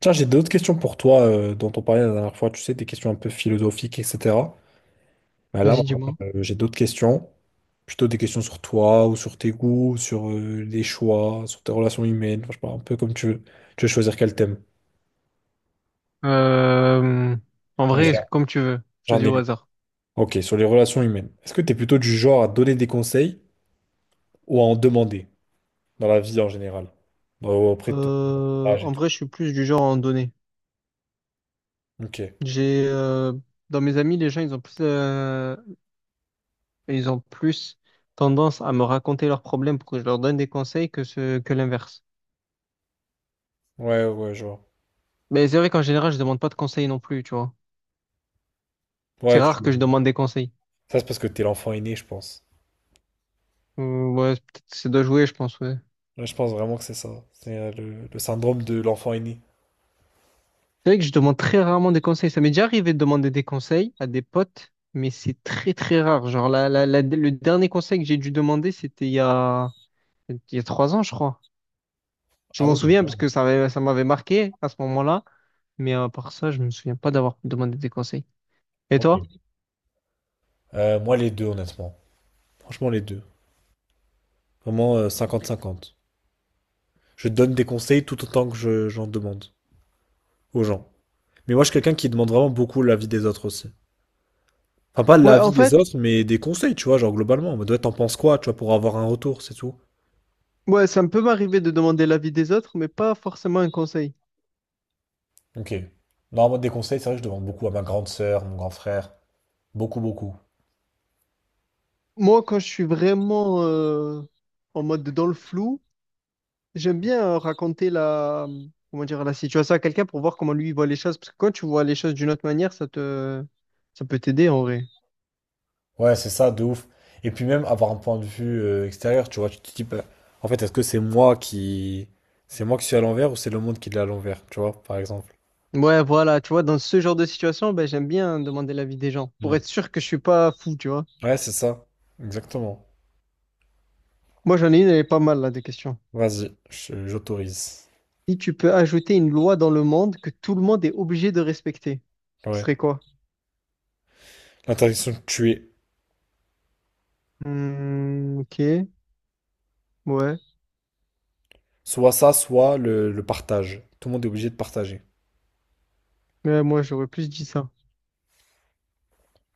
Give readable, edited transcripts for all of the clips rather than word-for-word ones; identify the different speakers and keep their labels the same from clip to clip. Speaker 1: Tiens, j'ai d'autres questions pour toi dont on parlait la dernière fois, tu sais, des questions un peu philosophiques, etc. Mais là,
Speaker 2: Vas-y,
Speaker 1: vraiment,
Speaker 2: dis-moi.
Speaker 1: j'ai d'autres questions, plutôt des questions sur toi ou sur tes goûts, sur les choix, sur tes relations humaines, enfin, je sais pas, un peu comme tu veux. Tu veux choisir quel thème?
Speaker 2: Euh, en vrai,
Speaker 1: Vas-y,
Speaker 2: comme tu veux.
Speaker 1: j'en
Speaker 2: Choisis
Speaker 1: ai
Speaker 2: au
Speaker 1: une.
Speaker 2: hasard.
Speaker 1: Ok, sur les relations humaines. Est-ce que tu es plutôt du genre à donner des conseils ou à en demander dans la vie en général? Auprès de ton
Speaker 2: Euh,
Speaker 1: entourage et
Speaker 2: en
Speaker 1: tout.
Speaker 2: vrai, je suis plus du genre à en donner.
Speaker 1: Ok.
Speaker 2: J'ai dans mes amis, les gens, ils ont plus tendance à me raconter leurs problèmes pour que je leur donne des conseils que ce que l'inverse.
Speaker 1: Ouais, ouais, je vois.
Speaker 2: Mais c'est vrai qu'en général, je demande pas de conseils non plus, tu vois.
Speaker 1: Ouais,
Speaker 2: C'est
Speaker 1: tu...
Speaker 2: rare que je demande des conseils.
Speaker 1: Ça c'est parce que t'es l'enfant aîné, je pense.
Speaker 2: Ouais, peut-être c'est de jouer, je pense. Ouais.
Speaker 1: Ouais, je pense vraiment que c'est ça. C'est le syndrome de l'enfant aîné.
Speaker 2: C'est vrai que je demande très rarement des conseils. Ça m'est déjà arrivé de demander des conseils à des potes, mais c'est très très rare. Genre le dernier conseil que j'ai dû demander, c'était il y a 3 ans, je crois. Je
Speaker 1: Ah
Speaker 2: m'en
Speaker 1: oui,
Speaker 2: souviens parce que ça m'avait marqué à ce moment-là. Mais à part ça, je me souviens pas d'avoir demandé des conseils. Et
Speaker 1: ok.
Speaker 2: toi?
Speaker 1: Moi, les deux, honnêtement. Franchement, les deux. Vraiment 50-50. Je donne des conseils tout autant que j'en demande aux gens. Mais moi, je suis quelqu'un qui demande vraiment beaucoup l'avis des autres aussi. Enfin, pas
Speaker 2: Ouais, en
Speaker 1: l'avis des
Speaker 2: fait,
Speaker 1: autres, mais des conseils, tu vois, genre globalement. En mode, ouais, t'en penses quoi, tu vois, pour avoir un retour, c'est tout.
Speaker 2: ouais, ça me peut m'arriver de demander l'avis des autres, mais pas forcément un conseil.
Speaker 1: Ok. Non, en mode des conseils, c'est vrai que je demande beaucoup à ma grande sœur, mon grand frère. Beaucoup, beaucoup.
Speaker 2: Moi, quand je suis vraiment en mode dans le flou, j'aime bien raconter comment dire, la situation à quelqu'un pour voir comment lui il voit les choses. Parce que quand tu vois les choses d'une autre manière, ça peut t'aider en vrai.
Speaker 1: Ouais, c'est ça, de ouf. Et puis même avoir un point de vue extérieur, tu vois, tu te dis, bah, en fait, est-ce que c'est moi qui... C'est moi qui suis à l'envers ou c'est le monde qui est à l'envers, tu vois, par exemple.
Speaker 2: Ouais, voilà, tu vois, dans ce genre de situation, ben, j'aime bien demander l'avis des gens pour
Speaker 1: Mm.
Speaker 2: être sûr que je suis pas fou, tu vois.
Speaker 1: Ouais, c'est ça. Exactement.
Speaker 2: Moi, j'en ai une, elle est pas mal là, des questions.
Speaker 1: Vas-y, j'autorise.
Speaker 2: Si tu peux ajouter une loi dans le monde que tout le monde est obligé de respecter, ce
Speaker 1: Ouais.
Speaker 2: serait quoi?
Speaker 1: L'interdiction de tuer.
Speaker 2: Hmm, ok, ouais.
Speaker 1: Soit ça, soit le partage. Tout le monde est obligé de partager.
Speaker 2: Mais moi, j'aurais plus dit ça.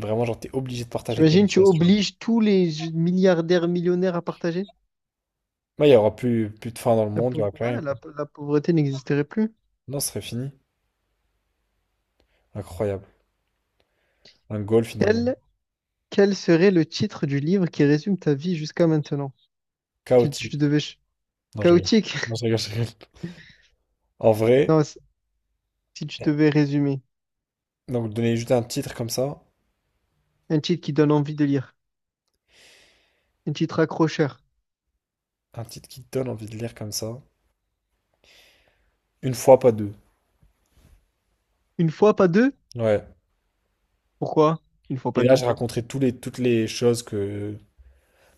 Speaker 1: Vraiment, genre, t'es obligé de partager tes
Speaker 2: T'imagines, tu
Speaker 1: richesses, tu vois.
Speaker 2: obliges tous les milliardaires, millionnaires à partager?
Speaker 1: Là, il y aura plus, plus de faim dans le monde, il y aura plus rien,
Speaker 2: Ouais,
Speaker 1: quoi.
Speaker 2: la pauvreté n'existerait plus.
Speaker 1: Non, ce serait fini. Incroyable. Un goal, finalement.
Speaker 2: Quel, quel serait le titre du livre qui résume ta vie jusqu'à maintenant? Si tu
Speaker 1: Chaotique.
Speaker 2: devais...
Speaker 1: Non, je rigole.
Speaker 2: Chaotique?
Speaker 1: Non, je rigole, je rigole. En vrai...
Speaker 2: Non, si tu
Speaker 1: Ouais.
Speaker 2: devais résumer.
Speaker 1: Donc donner juste un titre comme ça,
Speaker 2: Un titre qui donne envie de lire. Un titre accrocheur.
Speaker 1: un titre qui te donne envie de lire comme ça, une fois pas deux.
Speaker 2: Une fois, pas deux?
Speaker 1: Ouais.
Speaker 2: Pourquoi? Une fois,
Speaker 1: Et
Speaker 2: pas
Speaker 1: là,
Speaker 2: deux.
Speaker 1: je raconterai tous les, toutes les choses que,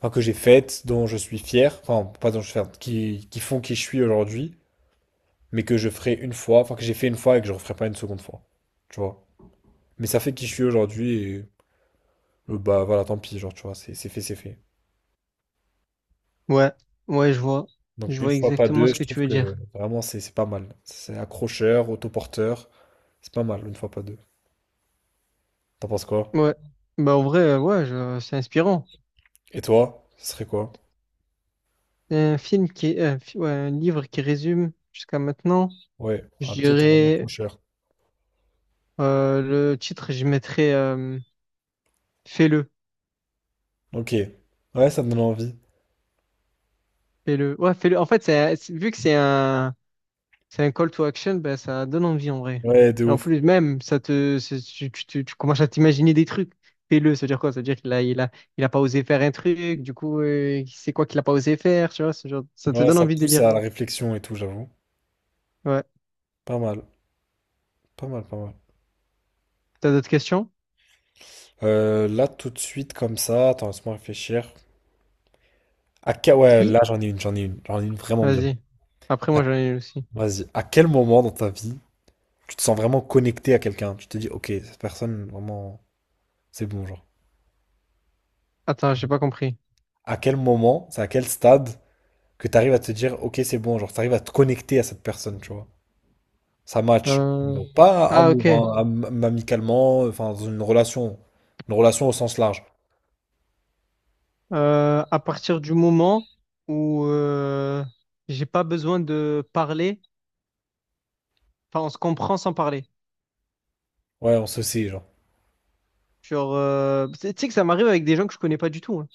Speaker 1: enfin, que j'ai faites, dont je suis fier, enfin pas dont je suis fier, qui font qui je suis aujourd'hui, mais que je ferai une fois, enfin que j'ai fait une fois et que je referai pas une seconde fois. Tu vois. Mais ça fait qui je suis aujourd'hui et bah voilà, tant pis, genre tu vois, c'est fait, c'est fait.
Speaker 2: Ouais, ouais, je vois.
Speaker 1: Donc
Speaker 2: Je
Speaker 1: une
Speaker 2: vois
Speaker 1: fois pas
Speaker 2: exactement
Speaker 1: deux,
Speaker 2: ce
Speaker 1: je
Speaker 2: que tu
Speaker 1: trouve
Speaker 2: veux
Speaker 1: que
Speaker 2: dire.
Speaker 1: vraiment c'est pas mal. C'est accrocheur, autoporteur, c'est pas mal une fois pas deux. T'en penses quoi?
Speaker 2: Ouais. Bah, en vrai, ouais, c'est inspirant.
Speaker 1: Et toi, ce serait quoi?
Speaker 2: Un film qui... Ouais, un livre qui résume jusqu'à maintenant.
Speaker 1: Ouais,
Speaker 2: Je
Speaker 1: un petit vraiment trop
Speaker 2: dirais...
Speaker 1: cher.
Speaker 2: le titre, je mettrais... fais-le.
Speaker 1: Ok. Ouais, ça me donne envie.
Speaker 2: Fais-le. Ouais, fais-le. En fait, vu que c'est un call to action, bah, ça donne envie en vrai.
Speaker 1: Ouais, de
Speaker 2: Et en
Speaker 1: ouf.
Speaker 2: plus, même, ça te, c'est- tu- tu commences à t'imaginer des trucs. Fais-le, ça veut dire quoi? Ça veut dire qu'il a, il a, il a pas osé faire un truc, du coup, c'est quoi qu'il a pas osé faire, tu vois, ce genre, ça te
Speaker 1: Ouais,
Speaker 2: donne
Speaker 1: ça
Speaker 2: envie de
Speaker 1: pousse
Speaker 2: lire.
Speaker 1: à la réflexion et tout, j'avoue.
Speaker 2: Ouais.
Speaker 1: Pas mal, pas mal, pas mal.
Speaker 2: T'as d'autres questions?
Speaker 1: Là, tout de suite, comme ça, attends, laisse-moi réfléchir. Ouais,
Speaker 2: Si.
Speaker 1: là, j'en ai une vraiment bien.
Speaker 2: Vas-y. Après,
Speaker 1: À-
Speaker 2: moi, j'en ai une aussi.
Speaker 1: Vas-y. À quel moment dans ta vie tu te sens vraiment connecté à quelqu'un? Tu te dis, ok, cette personne, vraiment, c'est bon, genre.
Speaker 2: Attends, j'ai pas compris.
Speaker 1: À quel moment, c'est à quel stade que tu arrives à te dire, ok, c'est bon, genre, tu arrives à te connecter à cette personne, tu vois? Ça match.
Speaker 2: Euh,
Speaker 1: Bon, pas
Speaker 2: Ah, ok.
Speaker 1: amour, hein, amicalement, enfin, dans une relation. Une relation au sens large.
Speaker 2: À partir du moment où j'ai pas besoin de parler, enfin, on se comprend sans parler.
Speaker 1: Ouais, on se sait, genre.
Speaker 2: Genre, euh, Tu sais que ça m'arrive avec des gens que je connais pas du tout, hein.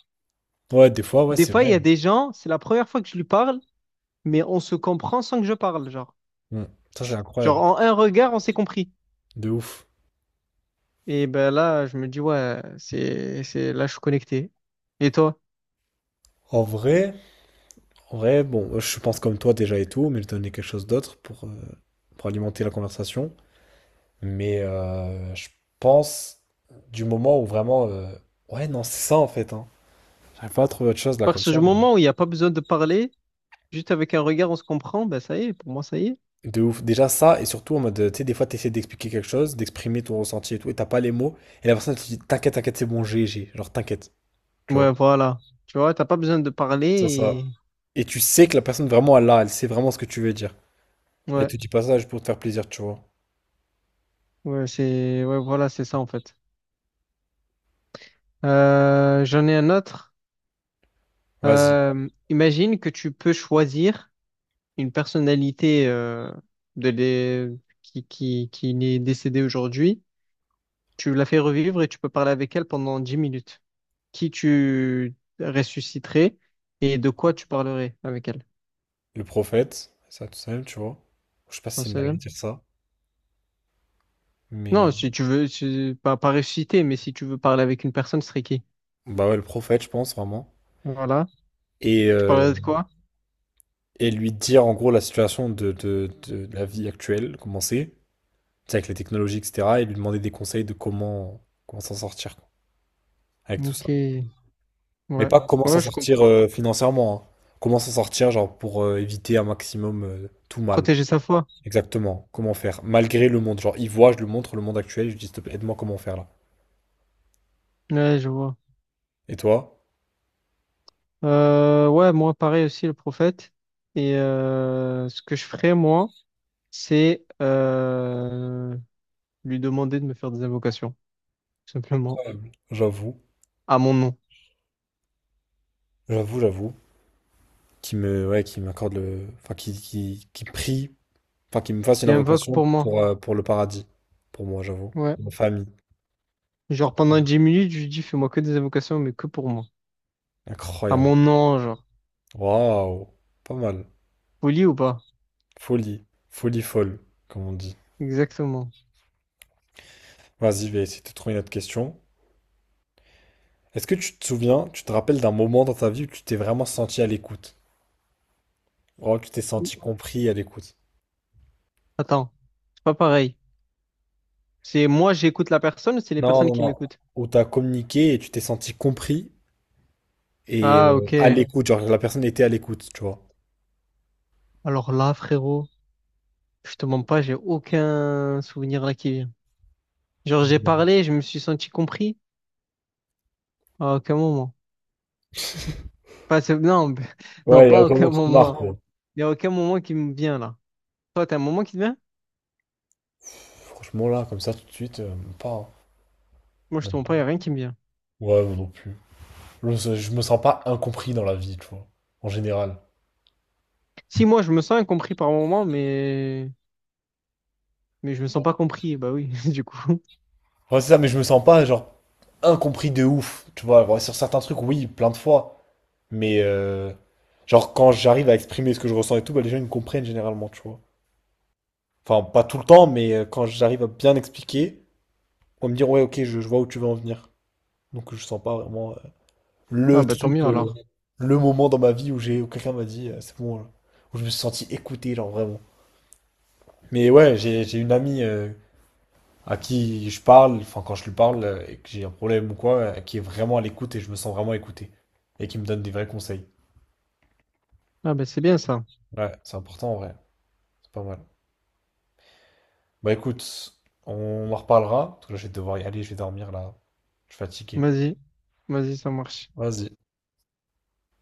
Speaker 1: Ouais, des fois, ouais,
Speaker 2: Des
Speaker 1: c'est
Speaker 2: fois, il
Speaker 1: vrai.
Speaker 2: y a des gens, c'est la première fois que je lui parle, mais on se comprend sans que je parle.
Speaker 1: Mm. Ça, c'est
Speaker 2: Genre
Speaker 1: incroyable.
Speaker 2: en un regard, on s'est compris.
Speaker 1: De ouf.
Speaker 2: Et ben là, je me dis, ouais, là, je suis connecté. Et toi?
Speaker 1: En vrai, en vrai, bon, je pense comme toi déjà et tout, mais je donnais quelque chose d'autre pour alimenter la conversation. Mais je pense du moment où vraiment. Ouais, non, c'est ça en fait. Hein. J'arrive pas à trouver autre chose là comme
Speaker 2: Parce que
Speaker 1: ça.
Speaker 2: du moment où il n'y a pas besoin de parler, juste avec un regard, on se comprend, ben ça y est, pour moi, ça y est.
Speaker 1: De ouf. Déjà ça, et surtout en mode, tu sais, des fois, t'essaies d'expliquer quelque chose, d'exprimer ton ressenti et tout, et t'as pas les mots, et la personne te dit, t'inquiète, t'inquiète, c'est bon, j'ai, j'ai. Genre, t'inquiète, tu vois.
Speaker 2: Ouais, voilà. Tu vois, t'as pas besoin de parler
Speaker 1: Ça, ça.
Speaker 2: et...
Speaker 1: Et tu sais que la personne vraiment, elle a, elle sait vraiment ce que tu veux dire. Et elle
Speaker 2: Ouais,
Speaker 1: te dit pas ça juste pour te faire plaisir, tu vois.
Speaker 2: ouais, c'est... Ouais, voilà, c'est ça, en fait. J'en ai un autre.
Speaker 1: Vas-y.
Speaker 2: Imagine que tu peux choisir une personnalité de l'é- qui, qui est décédée aujourd'hui, tu la fais revivre et tu peux parler avec elle pendant 10 minutes. Qui tu ressusciterais et de quoi tu parlerais avec elle?
Speaker 1: Le prophète, ça, tout seul tu vois. Je sais pas si
Speaker 2: Non,
Speaker 1: c'est une dinguerie de dire ça, mais.
Speaker 2: non, si tu veux, pas, pas ressusciter, mais si tu veux parler avec une personne, ce serait qui?
Speaker 1: Bah ouais, le prophète, je pense, vraiment.
Speaker 2: Voilà.
Speaker 1: Et,
Speaker 2: Tu
Speaker 1: euh,
Speaker 2: parlerais de quoi?
Speaker 1: et lui dire, en gros, la situation de la vie actuelle, comment c'est, tu sais, avec les technologies, etc., et lui demander des conseils de comment, comment s'en sortir, quoi. Avec tout ça.
Speaker 2: Ok. Ouais.
Speaker 1: Mais pas comment s'en
Speaker 2: Ouais, je
Speaker 1: sortir
Speaker 2: comprends.
Speaker 1: financièrement. Hein. Comment s'en sortir, genre, pour éviter un maximum tout mal.
Speaker 2: Protéger sa foi.
Speaker 1: Exactement. Comment faire? Malgré le monde. Genre, il voit, je lui montre le monde actuel, je lui dis, s'il te plaît, aide-moi comment faire là.
Speaker 2: Ouais, je vois.
Speaker 1: Et toi?
Speaker 2: Ouais, moi, pareil aussi, le prophète. Et ce que je ferais, moi, c'est lui demander de me faire des invocations, tout simplement,
Speaker 1: Incroyable. J'avoue,
Speaker 2: à mon nom.
Speaker 1: j'avoue, j'avoue. Qui me, ouais, qui m'accorde le. Enfin, qui prie, enfin, qui me fasse une
Speaker 2: Il invoque
Speaker 1: invocation
Speaker 2: pour moi.
Speaker 1: pour le paradis. Pour moi, j'avoue.
Speaker 2: Ouais.
Speaker 1: Ma famille.
Speaker 2: Genre pendant 10 minutes, je lui dis, fais-moi que des invocations, mais que pour moi. À
Speaker 1: Incroyable.
Speaker 2: mon nom, genre.
Speaker 1: Waouh. Pas mal.
Speaker 2: Poli ou pas?
Speaker 1: Folie. Folie folle, comme on dit.
Speaker 2: Exactement.
Speaker 1: Vas-y, je vais essayer de trouver une autre question. Est-ce que tu te souviens, tu te rappelles d'un moment dans ta vie où tu t'es vraiment senti à l'écoute? Vraiment que tu t'es senti compris et à l'écoute.
Speaker 2: Attends, c'est pas pareil. C'est moi, j'écoute la personne, c'est les
Speaker 1: Non,
Speaker 2: personnes
Speaker 1: non,
Speaker 2: qui
Speaker 1: non.
Speaker 2: m'écoutent.
Speaker 1: Où t'as communiqué et tu t'es senti compris et
Speaker 2: Ah,
Speaker 1: à
Speaker 2: ok.
Speaker 1: l'écoute. Genre la personne était à l'écoute, tu vois.
Speaker 2: Alors là, frérot, je te mens pas, j'ai aucun souvenir là qui vient. Genre, j'ai parlé, je me suis senti compris à aucun moment. Pas, non, non,
Speaker 1: Ouais, il y a
Speaker 2: pas à
Speaker 1: aucun
Speaker 2: aucun
Speaker 1: moment qui te marque.
Speaker 2: moment.
Speaker 1: Quoi.
Speaker 2: Il n'y a aucun moment qui me vient là. Toi, t'as un moment qui te vient?
Speaker 1: Franchement, là, comme ça, tout de suite, même pas. Hein.
Speaker 2: Moi, je te
Speaker 1: Même
Speaker 2: mens
Speaker 1: pas.
Speaker 2: pas, il n'y a rien qui me vient.
Speaker 1: Ouais, moi non plus. Je me sens pas incompris dans la vie, tu vois. En général.
Speaker 2: Si, moi, je me sens incompris par moment, mais je me sens pas compris. Bah oui, du coup.
Speaker 1: Ouais, c'est ça, mais je me sens pas, genre, incompris de ouf. Tu vois, ouais, sur certains trucs, oui, plein de fois. Mais, genre, quand j'arrive à exprimer ce que je ressens et tout, bah, les gens, ils me comprennent généralement, tu vois. Enfin, pas tout le temps, mais quand j'arrive à bien expliquer, on va me dire, ouais, ok, je vois où tu veux en venir. Donc, je sens pas vraiment
Speaker 2: Ah
Speaker 1: le
Speaker 2: bah tant
Speaker 1: truc,
Speaker 2: mieux alors.
Speaker 1: le moment dans ma vie où j'ai, où quelqu'un m'a dit, c'est bon, là. Où je me suis senti écouté, genre, vraiment. Mais ouais, j'ai une amie à qui je parle, enfin quand je lui parle et que j'ai un problème ou quoi, qui est vraiment à l'écoute et je me sens vraiment écouté et qui me donne des vrais conseils.
Speaker 2: Ah bah c'est bien ça.
Speaker 1: Ouais, c'est important en vrai, c'est pas mal. Bah écoute, on en reparlera, parce que là je vais devoir y aller, je vais dormir là, je suis fatigué.
Speaker 2: Vas-y. Vas-y, ça marche.
Speaker 1: Vas-y.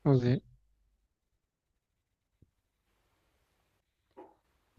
Speaker 2: Vas-y.